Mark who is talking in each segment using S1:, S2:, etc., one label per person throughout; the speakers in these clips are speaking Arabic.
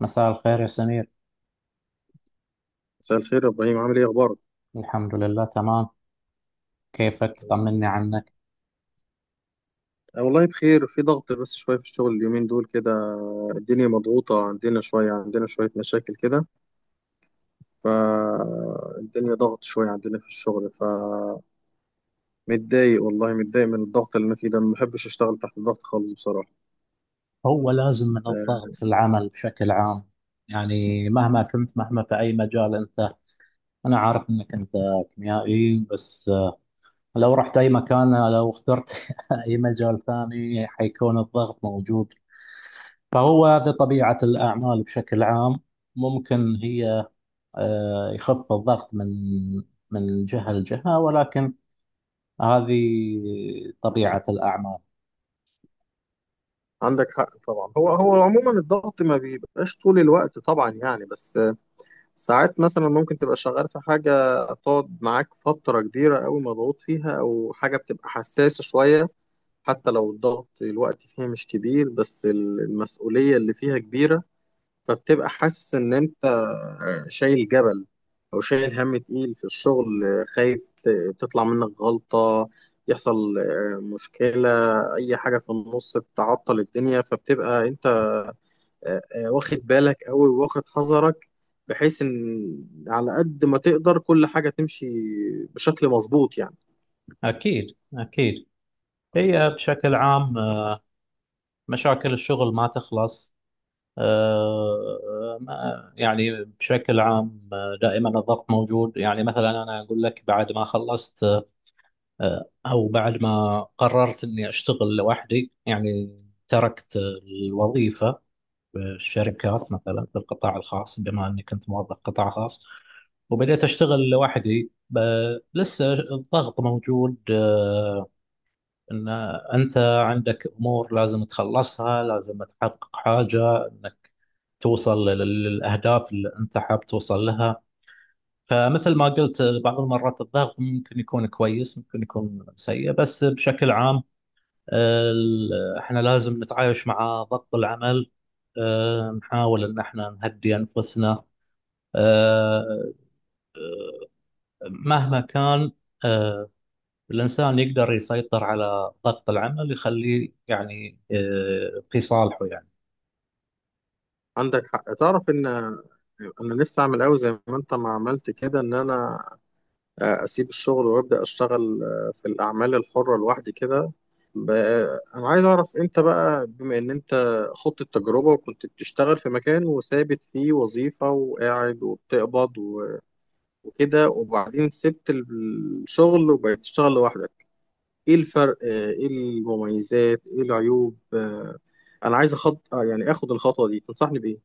S1: مساء الخير يا سمير.
S2: مساء الخير يا ابراهيم، عامل ايه اخبارك؟
S1: الحمد لله، تمام. كيفك؟
S2: الحمد
S1: طمني
S2: لله.
S1: عنك.
S2: أه والله بخير، في ضغط بس شويه في الشغل اليومين دول كده. الدنيا مضغوطه عندنا شويه، عندنا شويه مشاكل كده، فالدنيا ضغط شويه عندنا في الشغل. فمتضايق والله، متضايق من الضغط اللي انا فيه ده، ما بحبش اشتغل تحت الضغط خالص بصراحه.
S1: هو لازم من الضغط
S2: أه،
S1: في العمل بشكل عام، يعني مهما كنت، مهما في أي مجال أنت. أنا عارف أنك أنت كيميائي، بس لو رحت أي مكان، لو اخترت أي مجال ثاني، حيكون الضغط موجود. فهو هذه طبيعة الأعمال بشكل عام. ممكن هي يخف الضغط من جهة لجهة، ولكن هذه طبيعة الأعمال.
S2: عندك حق طبعا. هو عموما الضغط ما بيبقاش طول الوقت طبعا يعني، بس ساعات مثلا ممكن تبقى شغال في حاجه تقعد معاك فتره كبيره قوي مضغوط فيها، او حاجه بتبقى حساسه شويه، حتى لو الضغط الوقت فيها مش كبير بس المسؤولية اللي فيها كبيرة. فبتبقى حاسس إن أنت شايل جبل، أو شايل هم تقيل في الشغل، خايف تطلع منك غلطة، يحصل مشكلة، أي حاجة في النص تعطل الدنيا، فبتبقى أنت واخد بالك أوي، واخد حذرك، بحيث إن على قد ما تقدر كل حاجة تمشي بشكل مظبوط يعني.
S1: أكيد أكيد. هي بشكل عام، مشاكل الشغل ما تخلص. يعني بشكل عام، دائما الضغط موجود، يعني مثلا أنا أقول لك بعد ما خلصت أو بعد ما قررت إني أشتغل لوحدي، يعني تركت الوظيفة في الشركات، مثلا في القطاع الخاص، بما أني كنت موظف قطاع خاص وبدأت أشتغل لوحدي، لسه الضغط موجود. ان انت عندك امور لازم تخلصها، لازم تحقق حاجه انك توصل للاهداف اللي انت حاب توصل لها. فمثل ما قلت، بعض المرات الضغط ممكن يكون كويس، ممكن يكون سيء، بس بشكل عام احنا لازم نتعايش مع ضغط العمل، نحاول ان احنا نهدي انفسنا، آه، مهما كان، آه، الانسان يقدر يسيطر على ضغط العمل، يخليه يعني في صالحه يعني.
S2: عندك حق، تعرف ان انا نفسي اعمل قوي زي ما انت ما عملت كده، ان انا اسيب الشغل وابدا اشتغل في الاعمال الحره لوحدي كده. ب- انا عايز اعرف انت بقى، بما ان انت خضت التجربه وكنت بتشتغل في مكان وثابت فيه وظيفه وقاعد وبتقبض وكده، وبعدين سبت الشغل وبقيت تشتغل لوحدك، ايه الفرق، ايه المميزات، ايه العيوب؟ انا عايز اخد يعني اخد الخطوه دي، تنصحني بايه؟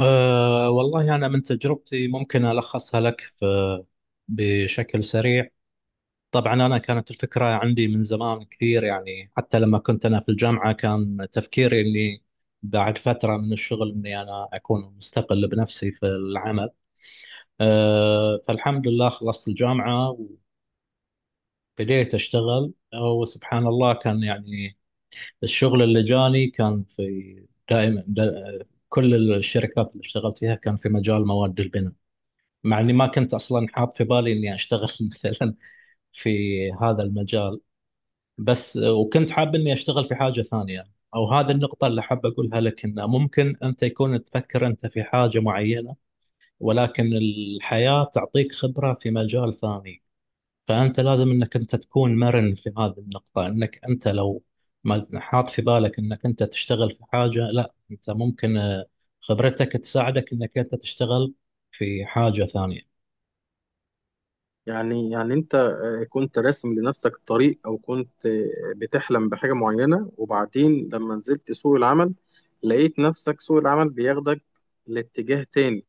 S1: أه والله، أنا من تجربتي ممكن ألخصها لك في بشكل سريع. طبعا أنا كانت الفكرة عندي من زمان كثير، يعني حتى لما كنت أنا في الجامعة كان تفكيري أني بعد فترة من الشغل أني أنا أكون مستقل بنفسي في العمل. أه، فالحمد لله خلصت الجامعة وبديت أشتغل. وسبحان الله، كان يعني الشغل اللي جاني كان في دائما دا كل الشركات اللي اشتغلت فيها كان في مجال مواد البناء، مع اني ما كنت اصلا حاط في بالي اني اشتغل مثلا في هذا المجال بس، وكنت حاب اني اشتغل في حاجه ثانيه. او هذه النقطه اللي حاب اقولها لك، انه ممكن انت يكون تفكر انت في حاجه معينه، ولكن الحياه تعطيك خبره في مجال ثاني. فانت لازم انك انت تكون مرن في هذه النقطه، انك انت لو ما حاط في بالك انك انت تشتغل في حاجه، لا انت ممكن خبرتك تساعدك انك انت تشتغل في حاجه ثانيه.
S2: يعني انت كنت راسم لنفسك طريق، او كنت بتحلم بحاجة معينة، وبعدين لما نزلت سوق العمل لقيت نفسك سوق العمل بياخدك لاتجاه تاني،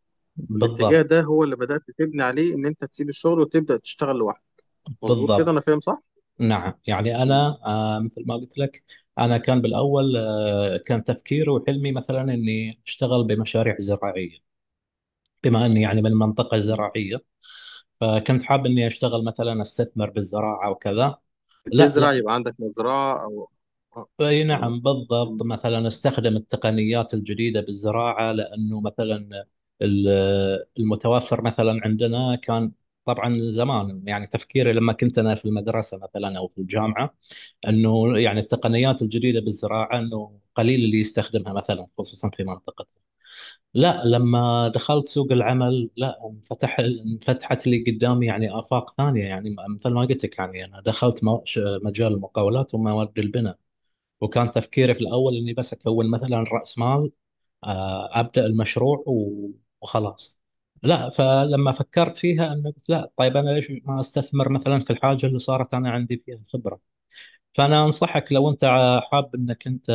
S2: والاتجاه
S1: بالضبط.
S2: ده هو اللي بدأت تبني عليه ان انت تسيب الشغل وتبدأ تشتغل لوحدك. مظبوط كده،
S1: بالضبط.
S2: انا فاهم صح؟
S1: نعم، يعني
S2: مم.
S1: أنا مثل ما قلت لك، أنا كان بالأول كان تفكيري وحلمي مثلا إني أشتغل بمشاريع زراعية، بما إني يعني من منطقة
S2: مم.
S1: زراعية، فكنت حاب إني أشتغل مثلا أستثمر بالزراعة وكذا. لا،
S2: بتزرع
S1: لا.
S2: يبقى عندك مزرعة او؟ آه.
S1: أي
S2: آه.
S1: نعم
S2: مم.
S1: بالضبط، مثلا أستخدم التقنيات الجديدة بالزراعة، لأنه مثلا ال- المتوفر مثلا عندنا كان، طبعا زمان يعني تفكيري لما كنت أنا في المدرسة مثلا أو في الجامعة، انه يعني التقنيات الجديده بالزراعه انه قليل اللي يستخدمها، مثلا خصوصا في منطقتنا. لا، لما دخلت سوق العمل، لا انفتحت لي قدامي يعني افاق ثانيه، يعني مثل ما قلت لك، يعني انا دخلت مجال المقاولات ومواد البناء. وكان تفكيري في الاول اني بس اكون مثلا راس مال، ابدا المشروع وخلاص. لا، فلما فكرت فيها انه قلت لا، طيب انا ليش ما استثمر مثلا في الحاجه اللي صارت انا عندي فيها خبره. فأنا أنصحك، لو أنت حاب أنك أنت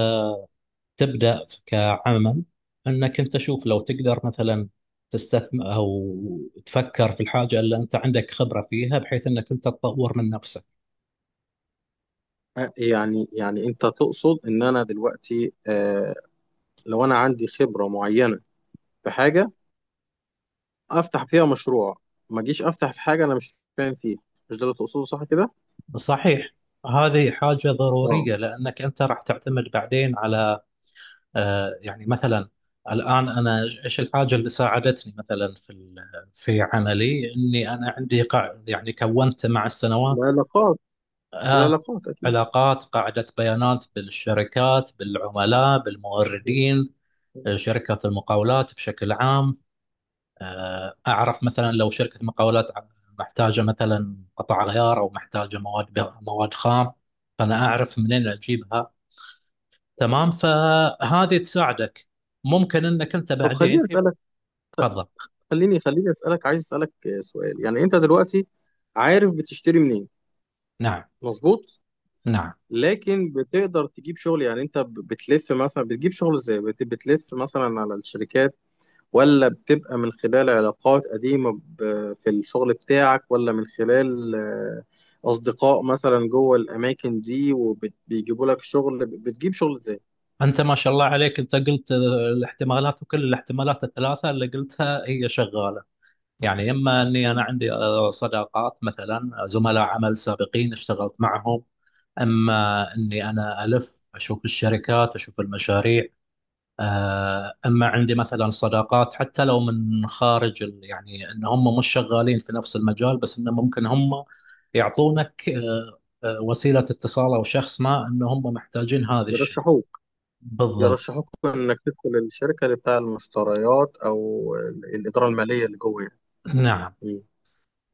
S1: تبدأ كعمل، أنك أنت شوف لو تقدر مثلا تستثمر أو تفكر في الحاجة اللي أنت عندك خبرة فيها، بحيث أنك أنت تطور من نفسك.
S2: يعني انت تقصد ان انا دلوقتي لو انا عندي خبرة معينة في حاجة افتح فيها مشروع، ما اجيش افتح في حاجه انا مش فاهم فيها، مش ده اللي تقصده صح كده؟
S1: صحيح. هذه حاجة
S2: اه.
S1: ضرورية، لأنك أنت راح تعتمد بعدين على يعني مثلا الآن، أنا إيش الحاجة اللي ساعدتني مثلا في عملي؟ إني أنا عندي يعني كونت مع السنوات
S2: العلاقات.
S1: آه
S2: العلاقات اكيد.
S1: علاقات، قاعدة بيانات بالشركات، بالعملاء، بالموردين. شركة المقاولات بشكل عام، آه أعرف مثلا لو شركة مقاولات محتاجة مثلا قطع غيار أو محتاجة مواد خام، فأنا أعرف منين أجيبها. تمام، فهذه تساعدك. ممكن أنك أنت
S2: طب
S1: بعدين
S2: خليني
S1: في...
S2: اسالك،
S1: تفضل.
S2: خليني اسالك، عايز اسالك سؤال، يعني انت دلوقتي عارف بتشتري منين؟
S1: نعم.
S2: مظبوط.
S1: نعم.
S2: لكن بتقدر تجيب شغل؟ يعني انت بتلف مثلا، بتجيب شغل ازاي؟ بتلف مثلا على الشركات، ولا بتبقى من خلال علاقات قديمة في الشغل بتاعك، ولا من خلال أصدقاء مثلا جوه الأماكن دي وبيجيبوا لك شغل؟ بتجيب شغل إزاي؟
S1: أنت ما شاء الله عليك، أنت قلت الاحتمالات، وكل الاحتمالات الثلاثة اللي قلتها هي شغالة، يعني إما أني أنا
S2: مم.
S1: عندي صداقات مثلا زملاء عمل سابقين اشتغلت معهم، أما أني أنا ألف أشوف الشركات، أشوف المشاريع، أما عندي مثلا صداقات حتى لو من خارج يعني أن هم مش شغالين في نفس المجال، بس أنه ممكن هم يعطونك وسيلة اتصال، أو شخص ما أن هم محتاجين هذا الشيء.
S2: يرشحوك.
S1: بالضبط.
S2: يرشحوك إنك تدخل الشركة اللي بتاع المشتريات أو الإدارة المالية اللي جوه يعني.
S1: نعم.
S2: مم.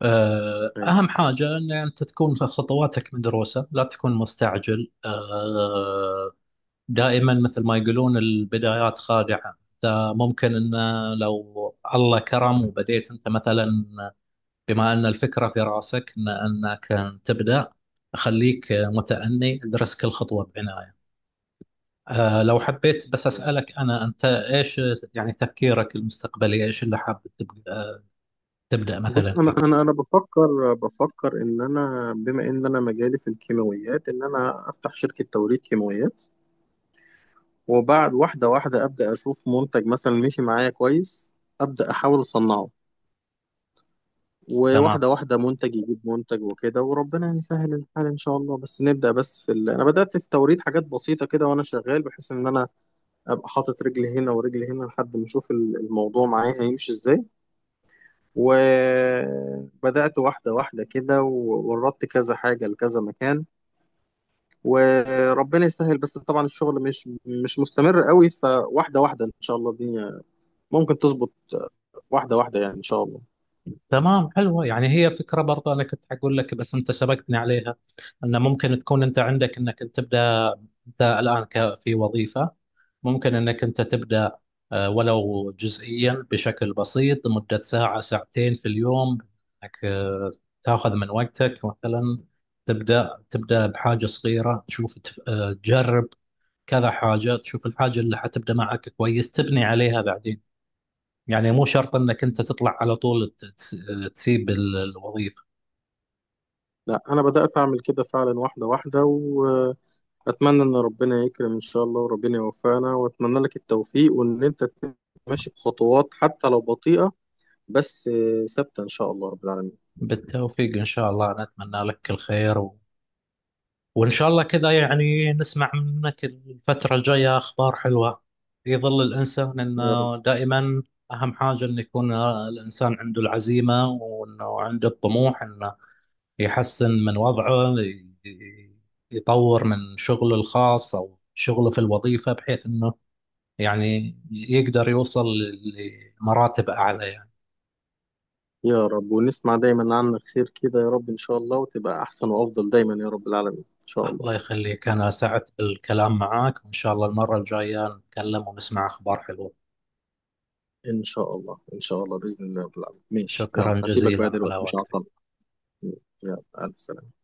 S2: أيوة.
S1: أهم حاجة أن أنت تكون في خطواتك مدروسة، لا تكون مستعجل. دائما مثل ما يقولون البدايات خادعة، أنت ممكن أن لو الله كرم وبديت أنت مثلا، بما أن الفكرة في رأسك أن أنك تبدأ، خليك متأني، ادرس كل خطوة بعناية. لو حبيت بس
S2: مم.
S1: أسألك، أنا أنت إيش يعني تفكيرك المستقبلي؟ إيش اللي حابب تبدأ،
S2: بص،
S1: مثلا
S2: أنا
S1: فيه؟
S2: أنا أنا بفكر، إن أنا بما إن أنا مجالي في الكيماويات، إن أنا أفتح شركة توريد كيماويات، وبعد واحدة واحدة أبدأ أشوف منتج مثلا مشي معايا كويس أبدأ أحاول أصنعه،
S1: تمام.
S2: وواحدة واحدة منتج يجيب منتج وكده، وربنا يسهل الحال إن شاء الله. بس نبدأ بس في ال... أنا بدأت في توريد حاجات بسيطة كده وأنا شغال، بحيث إن أنا أبقى حاطط رجلي هنا ورجلي هنا لحد ما أشوف الموضوع معايا هيمشي إزاي. وبدأت واحدة واحدة كده ووردت كذا حاجة لكذا مكان، وربنا يسهل، بس طبعا الشغل مش مستمر قوي، فواحدة واحدة إن شاء الله الدنيا ممكن تظبط، واحدة واحدة يعني إن شاء الله.
S1: تمام. حلوة يعني. هي فكرة برضه، أنا كنت أقول لك بس أنت شبكتني عليها، أن ممكن تكون أنت عندك أنك تبدأ. أنت الآن في وظيفة، ممكن أنك أنت تبدأ ولو جزئيا، بشكل بسيط، لمدة ساعة ساعتين في اليوم، أنك تاخذ من وقتك مثلا، تبدأ بحاجة صغيرة، تشوف تجرب كذا حاجة، تشوف الحاجة اللي حتبدأ معك كويس تبني عليها بعدين. يعني مو شرط انك انت تطلع على طول تسيب الوظيفة.
S2: لا أنا بدأت أعمل كده فعلا واحدة واحدة، وأتمنى إن ربنا يكرم إن شاء الله، وربنا يوفقنا، وأتمنى لك التوفيق، وإن أنت تبقى ماشي بخطوات حتى لو بطيئة بس ثابتة إن شاء الله رب العالمين.
S1: بالتوفيق ان شاء الله، انا اتمنى لك الخير، وان شاء الله كذا، يعني نسمع منك الفترة الجاية اخبار حلوة، في ظل الانسان
S2: يا رب.
S1: انه دائما اهم حاجة انه يكون الانسان عنده العزيمة، وانه عنده الطموح انه يحسن من وضعه، يطور من شغله الخاص او شغله في الوظيفة، بحيث انه يعني يقدر يوصل لمراتب اعلى يعني.
S2: يا رب ونسمع دايما عنك خير كده يا رب إن شاء الله، وتبقى أحسن وأفضل دايما يا رب العالمين إن شاء الله.
S1: الله يخليك، أنا سعدت بالكلام معاك، وإن شاء الله المرة الجاية نتكلم ونسمع أخبار حلوة.
S2: إن شاء الله إن شاء الله بإذن الله رب العالمين. ماشي، يلا
S1: شكرا
S2: هسيبك بقى
S1: جزيلا على
S2: دلوقتي، مش
S1: وقتك.
S2: هعطلك. يلا ألف سلامة.